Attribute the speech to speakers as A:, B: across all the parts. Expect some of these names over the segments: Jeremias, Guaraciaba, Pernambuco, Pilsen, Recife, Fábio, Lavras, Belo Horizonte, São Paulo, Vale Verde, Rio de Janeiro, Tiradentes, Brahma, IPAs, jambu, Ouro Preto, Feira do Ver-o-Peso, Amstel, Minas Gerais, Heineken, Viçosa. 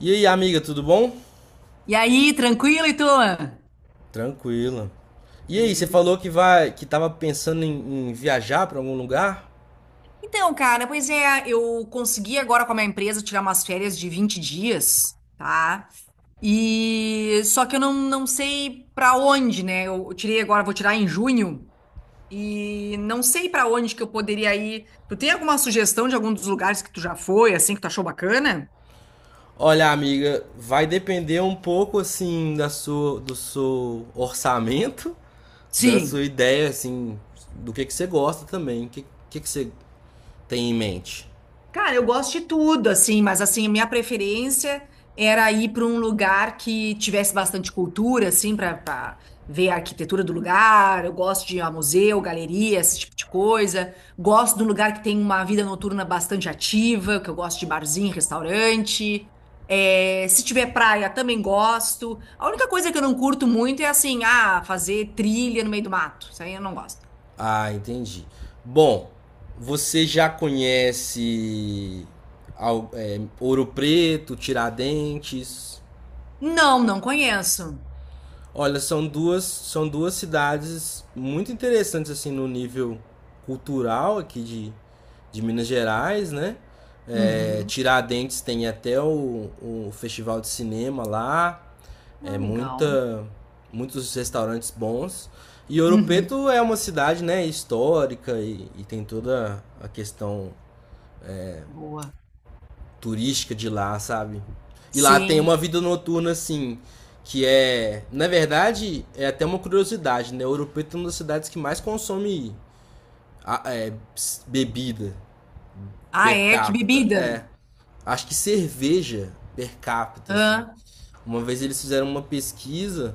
A: E aí, amiga, tudo bom?
B: E aí, tranquilo, e tu?
A: Tranquila. E aí, você falou
B: Bom.
A: que tava pensando em viajar para algum lugar?
B: Então, cara, pois é, eu consegui agora com a minha empresa tirar umas férias de 20 dias, tá? E só que eu não sei pra onde, né? Eu tirei agora, vou tirar em junho e não sei pra onde que eu poderia ir. Tu tem alguma sugestão de algum dos lugares que tu já foi, assim, que tu achou bacana?
A: Olha, amiga, vai depender um pouco assim do seu orçamento, da sua
B: Sim.
A: ideia assim, do que você gosta também, o que você tem em mente.
B: Cara, eu gosto de tudo, assim, mas assim, a minha preferência era ir para um lugar que tivesse bastante cultura, assim, para ver a arquitetura do lugar. Eu gosto de ir a museu, galeria, esse tipo de coisa. Gosto de um lugar que tem uma vida noturna bastante ativa, que eu gosto de barzinho, restaurante. É, se tiver praia, também gosto. A única coisa que eu não curto muito é assim, ah, fazer trilha no meio do mato. Isso aí eu não gosto.
A: Ah, entendi. Bom, você já conhece Ouro Preto, Tiradentes?
B: Não, não conheço.
A: Olha, são duas cidades muito interessantes assim no nível cultural aqui de Minas Gerais, né? É,
B: Uhum.
A: Tiradentes tem até o festival de cinema lá, é
B: Ah, legal.
A: muita, muitos restaurantes bons. E Ouro
B: Uhum.
A: Preto é uma cidade, né, histórica e tem toda a questão
B: Boa.
A: turística de lá, sabe? E lá tem
B: Sim.
A: uma vida noturna, assim, que é. Na verdade, é até uma curiosidade, né? Ouro Preto é uma das cidades que mais consome a- é, bebida
B: Ah,
A: per
B: é? Que
A: capita. É.
B: bebida?
A: Acho que cerveja per capita, assim.
B: Hã?
A: Uma vez eles fizeram uma pesquisa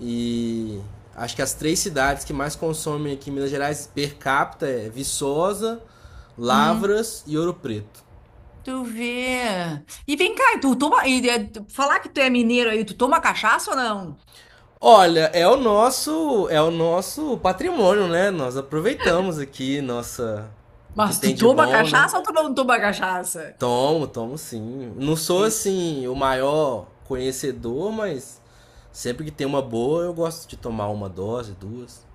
A: e. Acho que as três cidades que mais consomem aqui em Minas Gerais per capita é Viçosa,
B: Hum,
A: Lavras e Ouro Preto.
B: tu vê. E vem cá, tu toma. E, é, falar que tu é mineiro aí, tu toma cachaça ou não?
A: Olha, é o nosso patrimônio, né? Nós aproveitamos aqui nossa o que
B: Mas tu
A: tem de
B: toma
A: bom, né?
B: cachaça ou tu não toma cachaça?
A: Tomo, tomo sim. Não sou
B: En-
A: assim o maior conhecedor, mas sempre que tem uma boa, eu gosto de tomar uma dose, duas.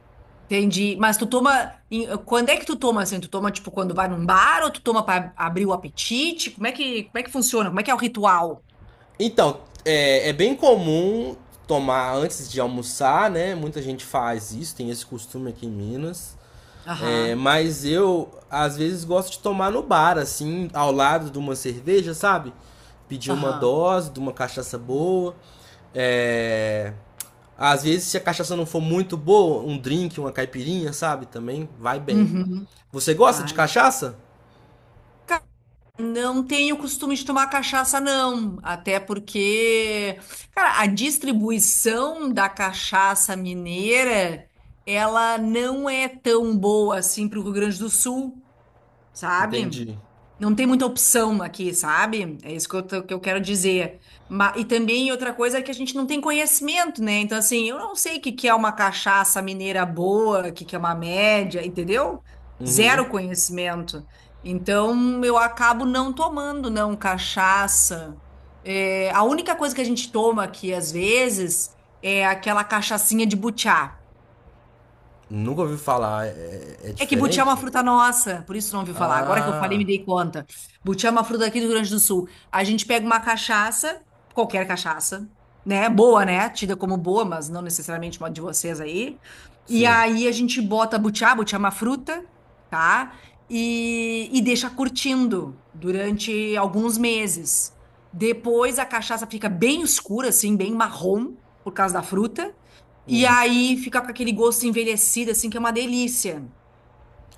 B: Entendi. Mas tu toma. Quando é que tu toma assim? Tu toma, tipo, quando vai num bar ou tu toma pra abrir o apetite? Como é que funciona? Como é que é o ritual?
A: Então, é bem comum tomar antes de almoçar, né? Muita gente faz isso, tem esse costume aqui em Minas. É,
B: Aham.
A: mas eu, às vezes, gosto de tomar no bar, assim, ao lado de uma cerveja, sabe? Pedir uma
B: Aham.
A: dose de uma cachaça boa. É, às vezes, se a cachaça não for muito boa, um drink, uma caipirinha, sabe? Também vai bem.
B: Uhum.
A: Você gosta de
B: Ah,
A: cachaça?
B: não tenho costume de tomar cachaça, não. Até porque, cara, a distribuição da cachaça mineira, ela não é tão boa assim para o Rio Grande do Sul, sabe?
A: Entendi.
B: Não tem muita opção aqui, sabe? É isso que que eu quero dizer. E também outra coisa é que a gente não tem conhecimento, né? Então, assim, eu não sei o que, que é uma cachaça mineira boa, o que, que é uma média, entendeu?
A: Uhum.
B: Zero conhecimento. Então, eu acabo não tomando, não, cachaça. É, a única coisa que a gente toma aqui, às vezes, é aquela cachaçinha de butiá.
A: Nunca ouvi falar. É, é
B: É que butiá é uma
A: diferente?
B: fruta nossa, por isso não ouviu falar. Agora que eu falei,
A: Ah,
B: me dei conta. Butiá é uma fruta aqui do Rio Grande do Sul. A gente pega uma cachaça, qualquer cachaça, né? Boa, né? Tida como boa, mas não necessariamente uma de vocês aí. E
A: sim.
B: aí a gente bota butiá, butiá é uma fruta, tá? E deixa curtindo durante alguns meses. Depois a cachaça fica bem escura, assim, bem marrom, por causa da fruta. E
A: Hum.
B: aí fica com aquele gosto envelhecido, assim, que é uma delícia.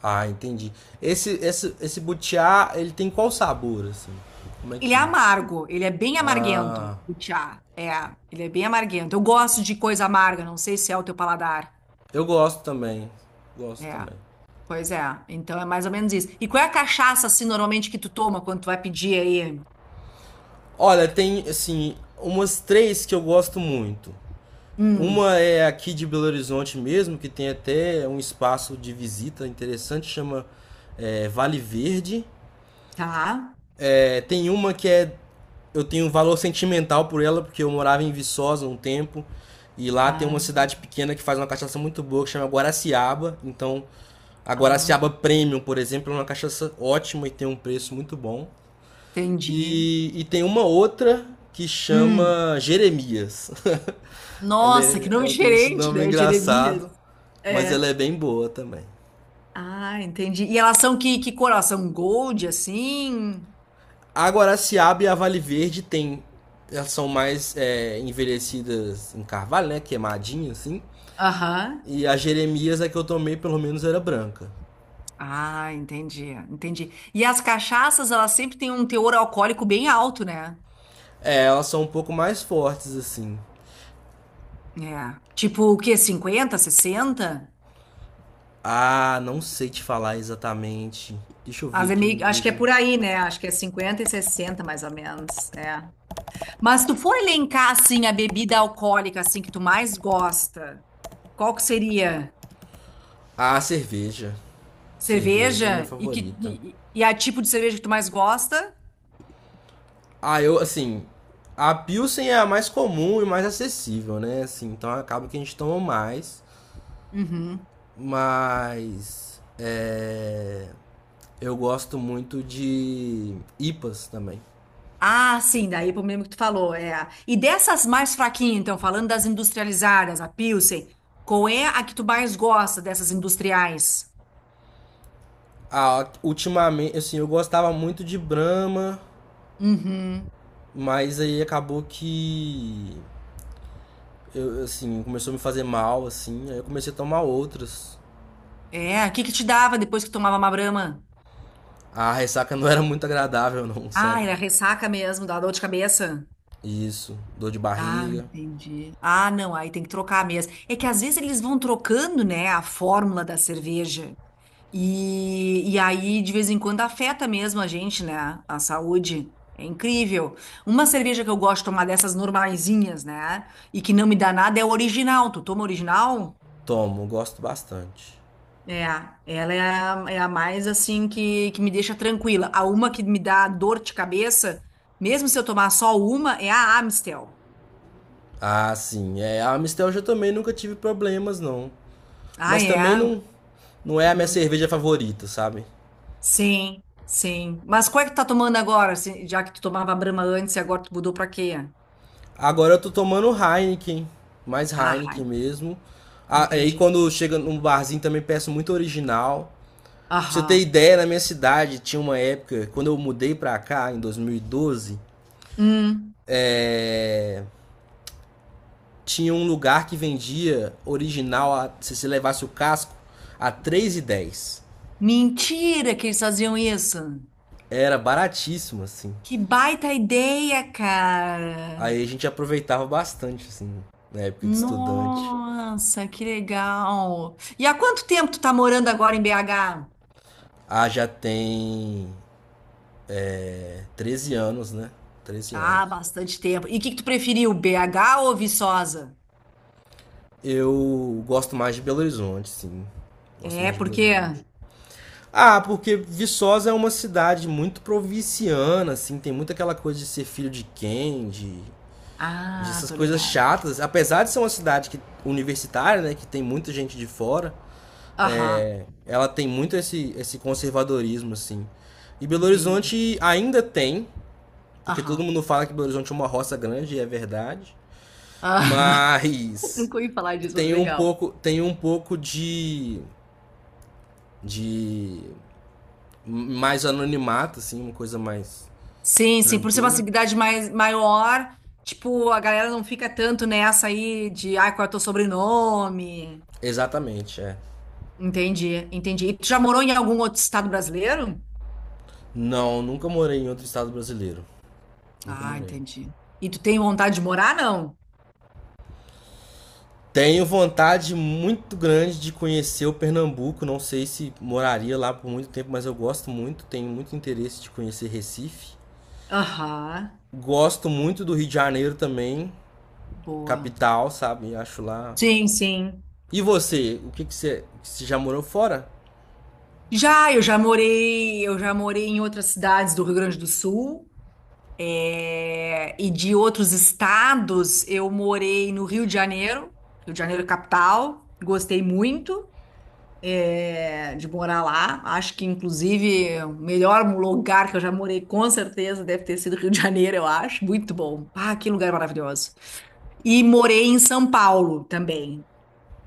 A: Ah, entendi. Esse butiá, ele tem qual sabor, assim? Como é
B: Ele é
A: que...
B: amargo, ele é bem amarguento,
A: Ah...
B: o chá. É, ele é bem amarguento. Eu gosto de coisa amarga, não sei se é o teu paladar.
A: Eu gosto também. Gosto
B: É,
A: também.
B: pois é. Então é mais ou menos isso. E qual é a cachaça, assim, normalmente que tu toma quando tu vai pedir aí?
A: Olha, tem assim, umas três que eu gosto muito.
B: Hum,
A: Uma é aqui de Belo Horizonte mesmo, que tem até um espaço de visita interessante, chama Vale Verde.
B: tá.
A: É, tem uma que é. Eu tenho um valor sentimental por ela, porque eu morava em Viçosa um tempo. E lá tem uma
B: Ah,
A: cidade pequena que faz uma cachaça muito boa, que chama Guaraciaba. Então, a
B: ah,
A: Guaraciaba Premium, por exemplo, é uma cachaça ótima e tem um preço muito bom.
B: entendi.
A: E tem uma outra que
B: Hum,
A: chama Jeremias.
B: nossa, que nome
A: Ela tem esse
B: diferente,
A: nome
B: né? Jeremias.
A: engraçado, mas ela
B: É.
A: é bem boa também.
B: Ah, entendi. E elas são que cor? Elas são gold, assim?
A: A Guaraciaba e a Vale Verde tem, elas são mais envelhecidas em carvalho, né? Queimadinha, assim.
B: Aham.
A: E a Jeremias, a que eu tomei, pelo menos era branca.
B: Ah, entendi, entendi. E as cachaças, elas sempre têm um teor alcoólico bem alto, né?
A: É, elas são um pouco mais fortes, assim.
B: É. Tipo o quê? Cinquenta, 60?
A: Ah, não sei te falar exatamente. Deixa eu ver aqui no
B: Acho que é
A: Google.
B: por aí, né? Acho que é 50 e 60 mais ou menos. É. Mas se tu for elencar, assim, a bebida alcoólica, assim, que tu mais gosta, qual que seria?
A: Ah, cerveja. Cerveja é minha
B: Cerveja? E, que...
A: favorita.
B: e a tipo de cerveja que tu mais gosta?
A: Ah, eu, assim, a Pilsen é a mais comum e mais acessível, né? Assim, então acaba que a gente toma mais.
B: Uhum.
A: Mas é, eu gosto muito de IPAs também.
B: Ah, sim, daí é pro mesmo que tu falou. É. E dessas mais fraquinhas, então, falando das industrializadas, a Pilsen, qual é a que tu mais gosta dessas industriais?
A: Ah, ultimamente, assim, eu gostava muito de Brahma,
B: Uhum.
A: mas aí acabou que eu, assim, começou a me fazer mal, assim, aí eu comecei a tomar outras.
B: É, o que que te dava depois que tomava uma Brahma?
A: A ressaca não era muito agradável, não,
B: Ah,
A: sabe?
B: era ressaca mesmo, dava dor de cabeça.
A: Isso, dor de
B: Ah,
A: barriga.
B: entendi. Ah, não, aí tem que trocar mesmo. É que às vezes eles vão trocando, né, a fórmula da cerveja. E aí, de vez em quando, afeta mesmo a gente, né? A saúde. É incrível. Uma cerveja que eu gosto de tomar dessas normaisinhas, né? E que não me dá nada é o original. Tu toma original?
A: Tomo, gosto bastante.
B: É, ela é é a mais assim que me deixa tranquila. A uma que me dá dor de cabeça, mesmo se eu tomar só uma, é a Amstel.
A: Ah, sim. É, a Amstel eu também nunca tive problemas, não.
B: Ah,
A: Mas também
B: é?
A: não é a minha
B: Hum,
A: cerveja favorita, sabe?
B: Sim, sim. Mas qual é que tu tá tomando agora? Já que tu tomava Brahma antes e agora tu mudou pra quê?
A: Agora eu tô tomando Heineken, mais
B: Ah,
A: Heineken
B: Heineken.
A: mesmo. Ah, aí
B: Entendi.
A: quando chega num barzinho também peço muito original. Pra você ter
B: Aham.
A: ideia, na minha cidade tinha uma época, quando eu mudei pra cá, em 2012,
B: Hum.
A: é, tinha um lugar que vendia original, se você levasse o casco, a três e dez.
B: Mentira que eles faziam isso.
A: Era baratíssimo, assim.
B: Que baita ideia, cara.
A: Aí a gente aproveitava bastante, assim, na época de estudante.
B: Nossa, que legal. E há quanto tempo tu tá morando agora em BH?
A: Ah, já tem 13 anos, né? 13
B: Ah,
A: anos.
B: bastante tempo. E o que que tu preferiu, BH ou Viçosa?
A: Eu gosto mais de Belo Horizonte, sim. Gosto
B: É,
A: mais de
B: por
A: Belo
B: quê?
A: Horizonte. Ah, porque Viçosa é uma cidade muito provinciana, assim, tem muito aquela coisa de ser filho de quem, de
B: Ah,
A: essas
B: tô
A: coisas
B: ligado.
A: chatas. Apesar de ser uma cidade que, universitária, né, que tem muita gente de fora,
B: Aham,
A: é, ela tem muito esse conservadorismo, assim. E Belo
B: entendi.
A: Horizonte ainda tem, porque todo
B: Aham.
A: mundo fala que Belo Horizonte é uma roça grande, e é verdade.
B: Aham.
A: Mas
B: Nunca ouvi falar disso, mas legal.
A: tem um pouco de mais anonimato, assim, uma coisa mais
B: Sim, sim, por ser uma
A: tranquila.
B: cidade mais, maior, tipo, a galera não fica tanto nessa aí de, ai, qual é o teu sobrenome?
A: Exatamente, é.
B: Entendi, entendi. E tu já morou em algum outro estado brasileiro?
A: Não, nunca morei em outro estado brasileiro. Nunca
B: Ah,
A: morei.
B: entendi. E tu tem vontade de morar, não?
A: Tenho vontade muito grande de conhecer o Pernambuco. Não sei se moraria lá por muito tempo, mas eu gosto muito. Tenho muito interesse de conhecer Recife.
B: Aham,
A: Gosto muito do Rio de Janeiro também,
B: boa.
A: capital, sabe? Acho lá.
B: Sim, sim.
A: E você? O que, que você. Você já morou fora?
B: Já, eu já morei em outras cidades do Rio Grande do Sul, é, e de outros estados, eu morei no Rio de Janeiro capital, gostei muito de morar lá. Acho que, inclusive, o melhor lugar que eu já morei, com certeza, deve ter sido Rio de Janeiro, eu acho. Muito bom. Ah, que lugar maravilhoso. E morei em São Paulo também.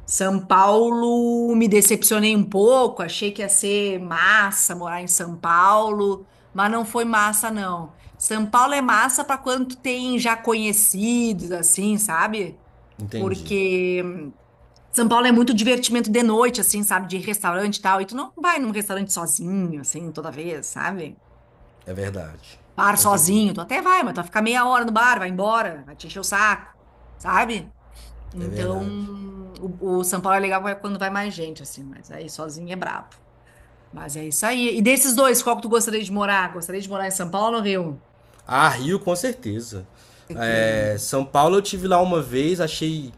B: São Paulo, me decepcionei um pouco, achei que ia ser massa morar em São Paulo, mas não foi massa, não. São Paulo é massa para quando tu tem já conhecidos, assim, sabe?
A: Entendi.
B: Porque são Paulo é muito divertimento de noite, assim, sabe? De restaurante e tal. E tu não vai num restaurante sozinho, assim, toda vez, sabe?
A: É verdade.
B: Bar
A: Com certeza.
B: sozinho, tu até vai, mas tu vai ficar meia hora no bar, vai embora, vai te encher o saco, sabe?
A: É
B: Então,
A: verdade.
B: o São Paulo é legal é quando vai mais gente, assim, mas aí sozinho é brabo. Mas é isso aí. E desses dois, qual que tu gostaria de morar? Gostaria de morar em São Paulo ou no Rio?
A: Ah, Rio, com certeza.
B: Certeza, né?
A: É, São Paulo eu tive lá uma vez, achei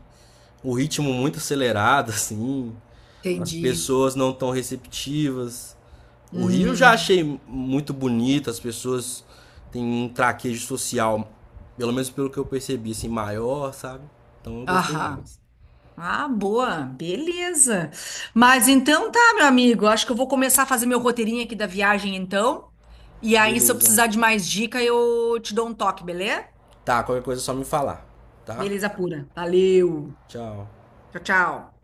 A: o ritmo muito acelerado, assim. As
B: Entendi.
A: pessoas não tão receptivas. O Rio eu já
B: Hum,
A: achei muito bonito, as pessoas têm um traquejo social, pelo menos pelo que eu percebi, assim, maior, sabe? Então eu gostei
B: aham.
A: mais.
B: Ah, boa, beleza. Mas então tá, meu amigo. Acho que eu vou começar a fazer meu roteirinho aqui da viagem, então. E aí, se eu
A: Beleza.
B: precisar de mais dica, eu te dou um toque, beleza?
A: Tá, qualquer coisa é só me falar, tá?
B: Beleza pura. Valeu.
A: Tchau.
B: Tchau, tchau.